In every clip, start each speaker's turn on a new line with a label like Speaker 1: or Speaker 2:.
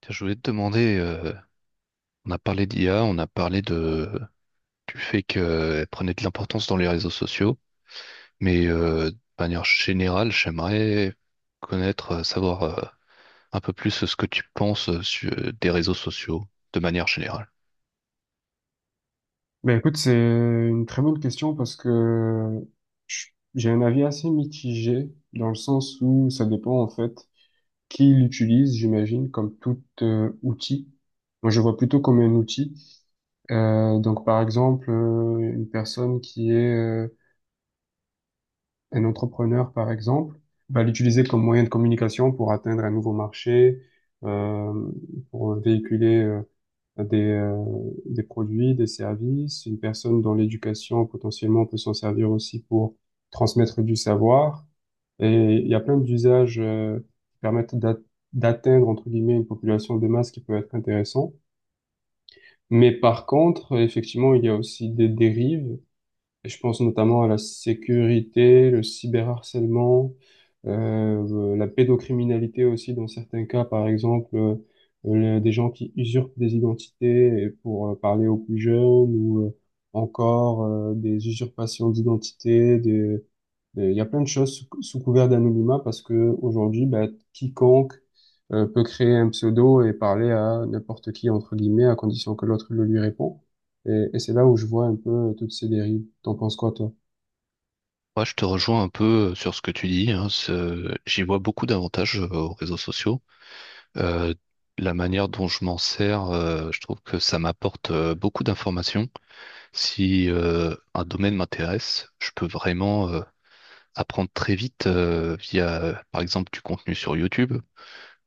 Speaker 1: Tiens, je voulais te demander, on a parlé d'IA, on a parlé du fait qu'elle prenait de l'importance dans les réseaux sociaux, mais de manière générale, j'aimerais connaître, savoir un peu plus ce que tu penses des réseaux sociaux, de manière générale.
Speaker 2: Ben écoute, c'est une très bonne question parce que j'ai un avis assez mitigé dans le sens où ça dépend en fait qui l'utilise, j'imagine, comme tout outil. Moi, je vois plutôt comme un outil. Donc, par exemple, une personne qui est un entrepreneur, par exemple, va l'utiliser comme moyen de communication pour atteindre un nouveau marché, euh, pour véhiculer des, euh, des produits, des services. Une personne dans l'éducation, potentiellement, peut s'en servir aussi pour transmettre du savoir. Et il y a plein d'usages qui d'atteindre, entre guillemets, une population de masse qui peut être intéressant. Mais par contre, effectivement, il y a aussi des dérives et je pense notamment à la sécurité, le cyberharcèlement, la pédocriminalité aussi dans certains cas, par exemple, des gens qui usurpent des identités et pour parler aux plus jeunes ou encore des usurpations d'identité, des, et il y a plein de choses sous couvert d'anonymat parce que aujourd'hui, bah, quiconque peut créer un pseudo et parler à n'importe qui, entre guillemets, à condition que l'autre le lui répond. Et c'est là où je vois un peu toutes ces dérives. T'en penses quoi, toi?
Speaker 1: Moi, je te rejoins un peu sur ce que tu dis, hein, j'y vois beaucoup d'avantages aux réseaux sociaux. Euh, la manière dont je m'en sers, je trouve que ça m'apporte beaucoup d'informations. Si un domaine m'intéresse, je peux vraiment apprendre très vite via par exemple, du contenu sur YouTube.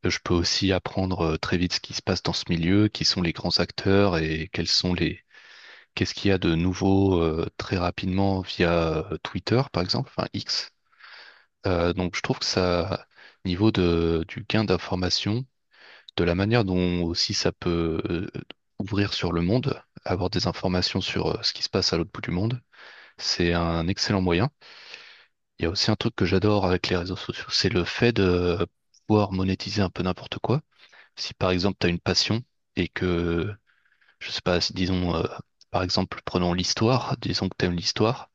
Speaker 1: Je peux aussi apprendre très vite ce qui se passe dans ce milieu, qui sont les grands acteurs et quels sont qu'est-ce qu'il y a de nouveau très rapidement via Twitter, par exemple, enfin X. Donc, je trouve que ça, niveau du gain d'information, de la manière dont aussi ça peut ouvrir sur le monde, avoir des informations sur ce qui se passe à l'autre bout du monde. C'est un excellent moyen. Il y a aussi un truc que j'adore avec les réseaux sociaux, c'est le fait de pouvoir monétiser un peu n'importe quoi. Si par exemple tu as une passion et je sais pas, si, disons, par exemple, prenons l'histoire, disons que tu aimes l'histoire.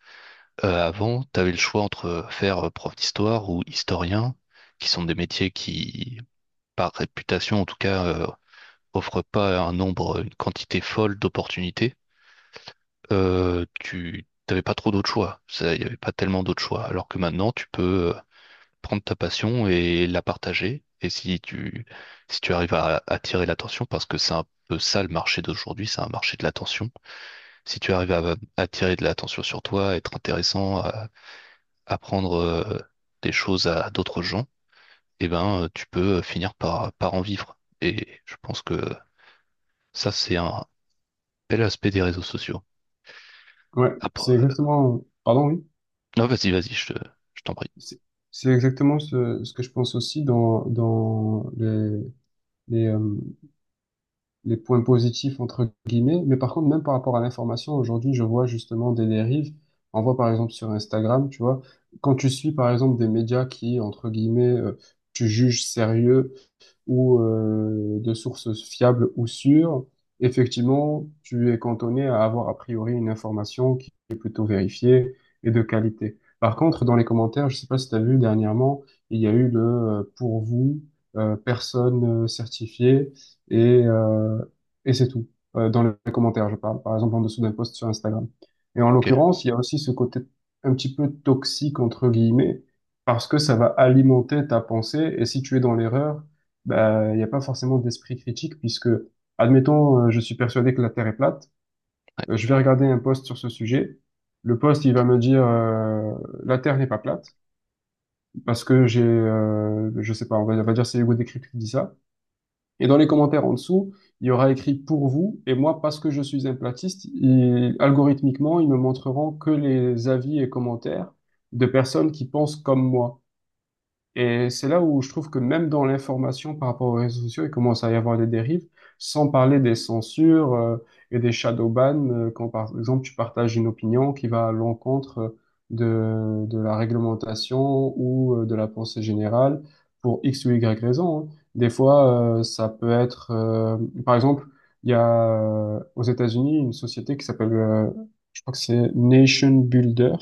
Speaker 1: Avant, tu avais le choix entre faire prof d'histoire ou historien, qui sont des métiers par réputation en tout cas, offrent pas un nombre, une quantité folle d'opportunités. Tu n'avais pas trop d'autres choix. Ça, il n'y avait pas tellement d'autres choix. Alors que maintenant, tu peux prendre ta passion et la partager. Et si tu arrives à attirer l'attention, parce que c'est un peu ça le marché d'aujourd'hui, c'est un marché de l'attention. Si tu arrives à attirer de l'attention sur toi, être intéressant, à apprendre des choses à d'autres gens, eh ben, tu peux finir par en vivre. Et je pense que ça, c'est un bel aspect des réseaux sociaux.
Speaker 2: Ouais, c'est
Speaker 1: Après...
Speaker 2: exactement, pardon, oui,
Speaker 1: Non, vas-y, je t'en prie.
Speaker 2: c'est c'est exactement ce que je pense aussi dans les, euh, les points positifs, entre guillemets. Mais par contre, même par rapport à l'information, aujourd'hui, je vois justement des dérives. On voit par exemple sur Instagram, tu vois, quand tu suis par exemple des médias qui, entre guillemets, tu juges sérieux ou de sources fiables ou sûres, effectivement, tu es cantonné à avoir a priori une information qui est plutôt vérifiée et de qualité. Par contre, dans les commentaires, je sais pas si tu as vu dernièrement, il y a eu le pour vous, personne certifiée et, euh, et c'est tout. Dans les commentaires, je parle, par exemple en dessous d'un post sur Instagram. Et en
Speaker 1: Ok.
Speaker 2: l'occurrence, il y a aussi ce côté un petit peu toxique, entre guillemets, parce que ça va alimenter ta pensée. Et si tu es dans l'erreur, ben il n'y a pas forcément d'esprit critique puisque, admettons, je suis persuadé que la Terre est plate, je vais regarder un post sur ce sujet. Le post, il va me dire la Terre n'est pas plate parce que j'ai, je sais pas, on va dire c'est Hugo Décrypte qui dit ça. Et dans les commentaires en dessous, il y aura écrit pour vous et moi parce que je suis un platiste, algorithmiquement, ils me montreront que les avis et commentaires de personnes qui pensent comme moi. Et c'est là où je trouve que même dans l'information par rapport aux réseaux sociaux, il commence à y avoir des dérives, sans parler des censures et des shadow bans, quand par exemple tu partages une opinion qui va à l'encontre de la réglementation ou de la pensée générale pour X ou Y raison, hein. Des fois, ça peut être, par exemple, il y a aux États-Unis une société qui s'appelle, je crois que c'est Nation Builder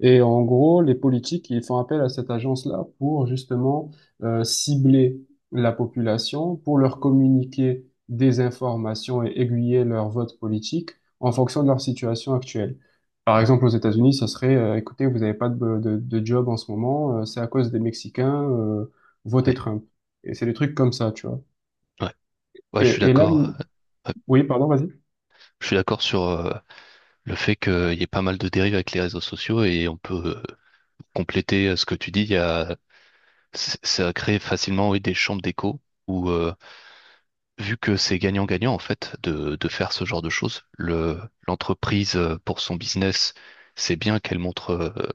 Speaker 2: et en gros, les politiques, ils font appel à cette agence-là pour justement cibler la population, pour leur communiquer des informations et aiguiller leur vote politique en fonction de leur situation actuelle. Par exemple, aux États-Unis, ça serait, écoutez, vous n'avez pas de job en ce moment, c'est à cause des Mexicains, votez
Speaker 1: Oui,
Speaker 2: Trump. Et c'est des trucs comme ça, tu vois.
Speaker 1: ouais. Ouais, je suis
Speaker 2: Et là,
Speaker 1: d'accord. Ouais.
Speaker 2: oui, pardon, vas-y.
Speaker 1: Je suis d'accord sur le fait qu'il y ait pas mal de dérives avec les réseaux sociaux et on peut compléter ce que tu dis. Il y a, c- Ça crée facilement, oui, des chambres d'écho où, vu que c'est gagnant-gagnant en fait de faire ce genre de choses, l'entreprise pour son business, c'est bien qu'elle montre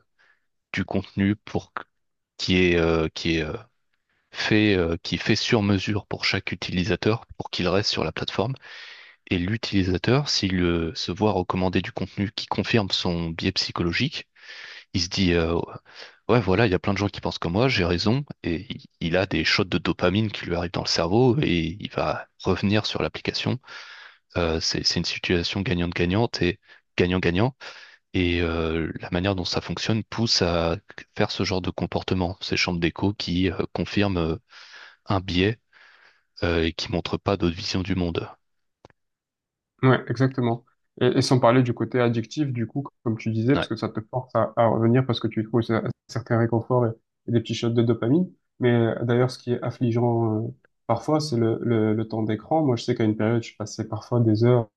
Speaker 1: du contenu qui est euh, qui est euh, qui est fait sur mesure pour chaque utilisateur pour qu'il reste sur la plateforme. Et l'utilisateur, s'il se voit recommander du contenu qui confirme son biais psychologique, il se dit ouais voilà, il y a plein de gens qui pensent comme moi, j'ai raison, et il a des shots de dopamine qui lui arrivent dans le cerveau et il va revenir sur l'application. C'est une situation gagnante-gagnante et gagnant-gagnant. Et la manière dont ça fonctionne pousse à faire ce genre de comportement, ces chambres d'écho qui confirment un biais et qui montrent pas d'autres visions du monde.
Speaker 2: Ouais, exactement. Et sans parler du côté addictif, du coup, comme tu disais, parce
Speaker 1: Ouais,
Speaker 2: que ça te force à revenir parce que tu trouves un certain réconfort et des petits shots de dopamine. Mais d'ailleurs, ce qui est affligeant parfois, c'est le temps d'écran. Moi, je sais qu'à une période, je passais parfois des heures.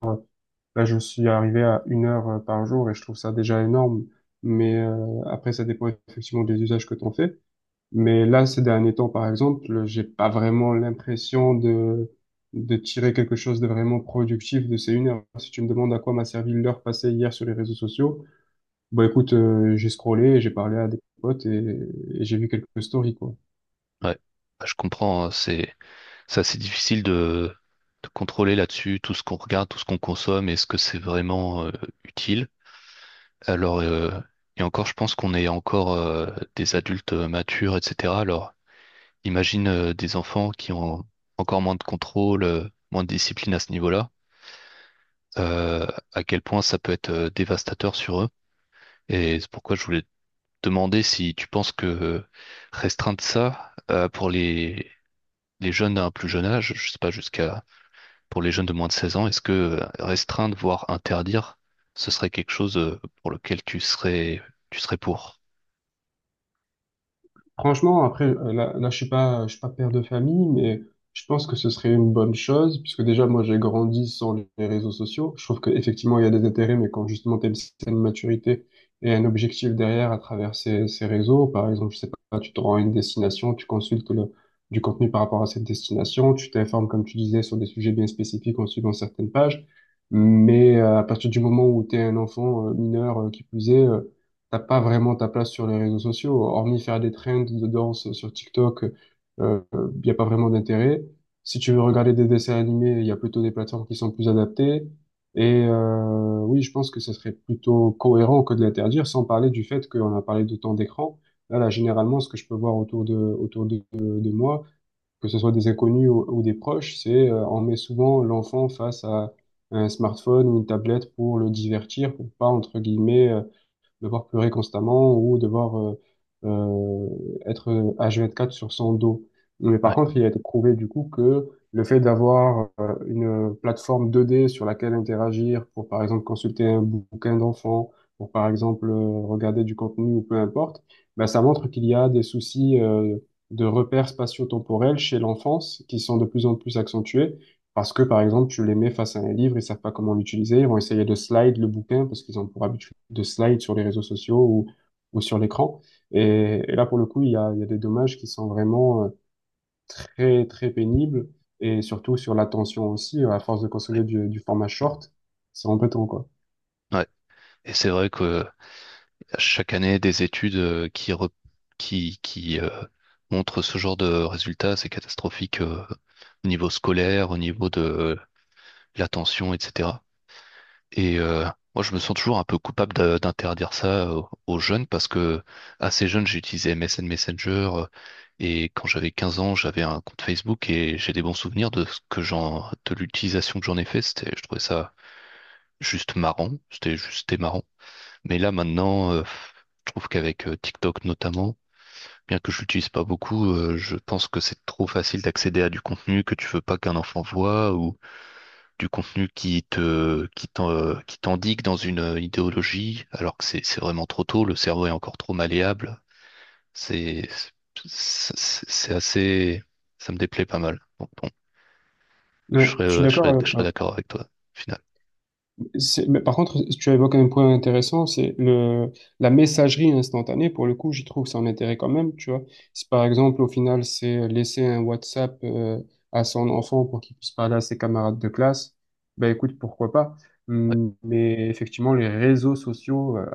Speaker 2: Là, je suis arrivé à une heure par jour et je trouve ça déjà énorme. Mais après, ça dépend effectivement des usages que tu en fais. Mais là, ces derniers temps, par exemple, j'ai pas vraiment l'impression de tirer quelque chose de vraiment productif de ces une heure. Si tu me demandes à quoi m'a servi l'heure passée hier sur les réseaux sociaux, bah écoute, j'ai scrollé, j'ai parlé à des potes et j'ai vu quelques stories, quoi.
Speaker 1: ouais. Bah, je comprends, hein, c'est... Ça, c'est difficile de contrôler là-dessus tout ce qu'on regarde, tout ce qu'on consomme, est-ce que c'est vraiment utile? Alors, et encore, je pense qu'on est encore des adultes matures, etc. Alors, imagine des enfants qui ont encore moins de contrôle, moins de discipline à ce niveau-là, euh, à quel point ça peut être dévastateur sur eux. Et c'est pourquoi je voulais te demander si tu penses que restreindre ça pour les jeunes à un plus jeune âge, je sais pas, jusqu'à pour les jeunes de moins de 16 ans, est-ce que restreindre, voire interdire, ce serait quelque chose pour lequel tu serais pour?
Speaker 2: Franchement, après, je suis pas père de famille, mais je pense que ce serait une bonne chose, puisque déjà, moi, j'ai grandi sans les réseaux sociaux. Je trouve qu'effectivement, il y a des intérêts, mais quand justement, tu as une certaine maturité et un objectif derrière à travers ces réseaux, par exemple, je sais pas, tu te rends à une destination, tu consultes le, du contenu par rapport à cette destination, tu t'informes, comme tu disais, sur des sujets bien spécifiques en suivant certaines pages. Mais à partir du moment où tu es un enfant mineur, qui plus est, t'as pas vraiment ta place sur les réseaux sociaux, hormis faire des trends de danse sur TikTok, il n'y a pas vraiment d'intérêt. Si tu veux regarder des dessins animés, il y a plutôt des plateformes qui sont plus adaptées. Et oui, je pense que ça serait plutôt cohérent que de l'interdire, sans parler du fait qu'on a parlé de temps d'écran. Généralement, ce que je peux voir de moi, que ce soit des inconnus ou des proches, c'est on met souvent l'enfant face à un smartphone ou une tablette pour le divertir, pour pas, entre guillemets, devoir pleurer constamment ou devoir euh, être H24 sur son dos. Mais par
Speaker 1: Ouais,
Speaker 2: contre, il a été prouvé du coup que le fait d'avoir une plateforme 2D sur laquelle interagir pour, par exemple, consulter un bouquin d'enfant, pour, par exemple, regarder du contenu ou peu importe, ben, ça montre qu'il y a des soucis de repères spatio-temporels chez l'enfance qui sont de plus en plus accentués parce que, par exemple, tu les mets face à un livre, ils savent pas comment l'utiliser, ils vont essayer de slide le bouquin parce qu'ils ont pour habitude de slide sur les réseaux sociaux ou sur l'écran. Et là, pour le coup, il y a des dommages qui sont vraiment très, très pénibles et surtout sur l'attention aussi, à force de
Speaker 1: ouais,
Speaker 2: consommer du format short, c'est embêtant, quoi.
Speaker 1: ouais. Et c'est vrai que chaque année, des études qui montrent ce genre de résultats, c'est catastrophique au niveau scolaire, au niveau de l'attention, etc. Et moi, je me sens toujours un peu coupable d'interdire ça aux jeunes parce que assez jeune, j'ai utilisé MSN Messenger et quand j'avais 15 ans, j'avais un compte Facebook et j'ai des bons souvenirs de ce que de l'utilisation que j'en ai fait. Je trouvais ça juste marrant. C'était juste marrant. Mais là, maintenant, je trouve qu'avec TikTok notamment, bien que je l'utilise pas beaucoup, je pense que c'est trop facile d'accéder à du contenu que tu veux pas qu'un enfant voit ou du contenu qui t'endigue dans une idéologie, alors que c'est vraiment trop tôt, le cerveau est encore trop malléable. C'est, c'est c'est assez, Ça me déplaît pas mal. Donc bon,
Speaker 2: Ouais, je suis d'accord avec
Speaker 1: je serais
Speaker 2: toi.
Speaker 1: d'accord avec toi, au final.
Speaker 2: C'est- mais par contre, tu évoques un point intéressant, c'est le la messagerie instantanée. Pour le coup, j'y trouve son intérêt quand même, tu vois. Si par exemple, au final, c'est laisser un WhatsApp à son enfant pour qu'il puisse parler à ses camarades de classe, ben écoute, pourquoi pas.
Speaker 1: Ouais,
Speaker 2: Mais effectivement, les réseaux sociaux euh,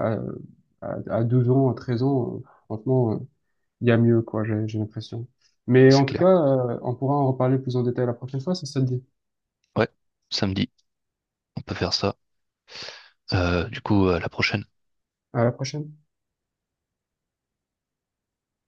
Speaker 2: à, à, à 12 ans, à 13 ans, franchement, il y a mieux, quoi, j'ai l'impression. Mais
Speaker 1: c'est
Speaker 2: en tout
Speaker 1: clair.
Speaker 2: cas, on pourra en reparler plus en détail la prochaine fois, si ça te dit.
Speaker 1: Ouais, samedi, on peut faire ça. Du coup, à la prochaine.
Speaker 2: À la prochaine.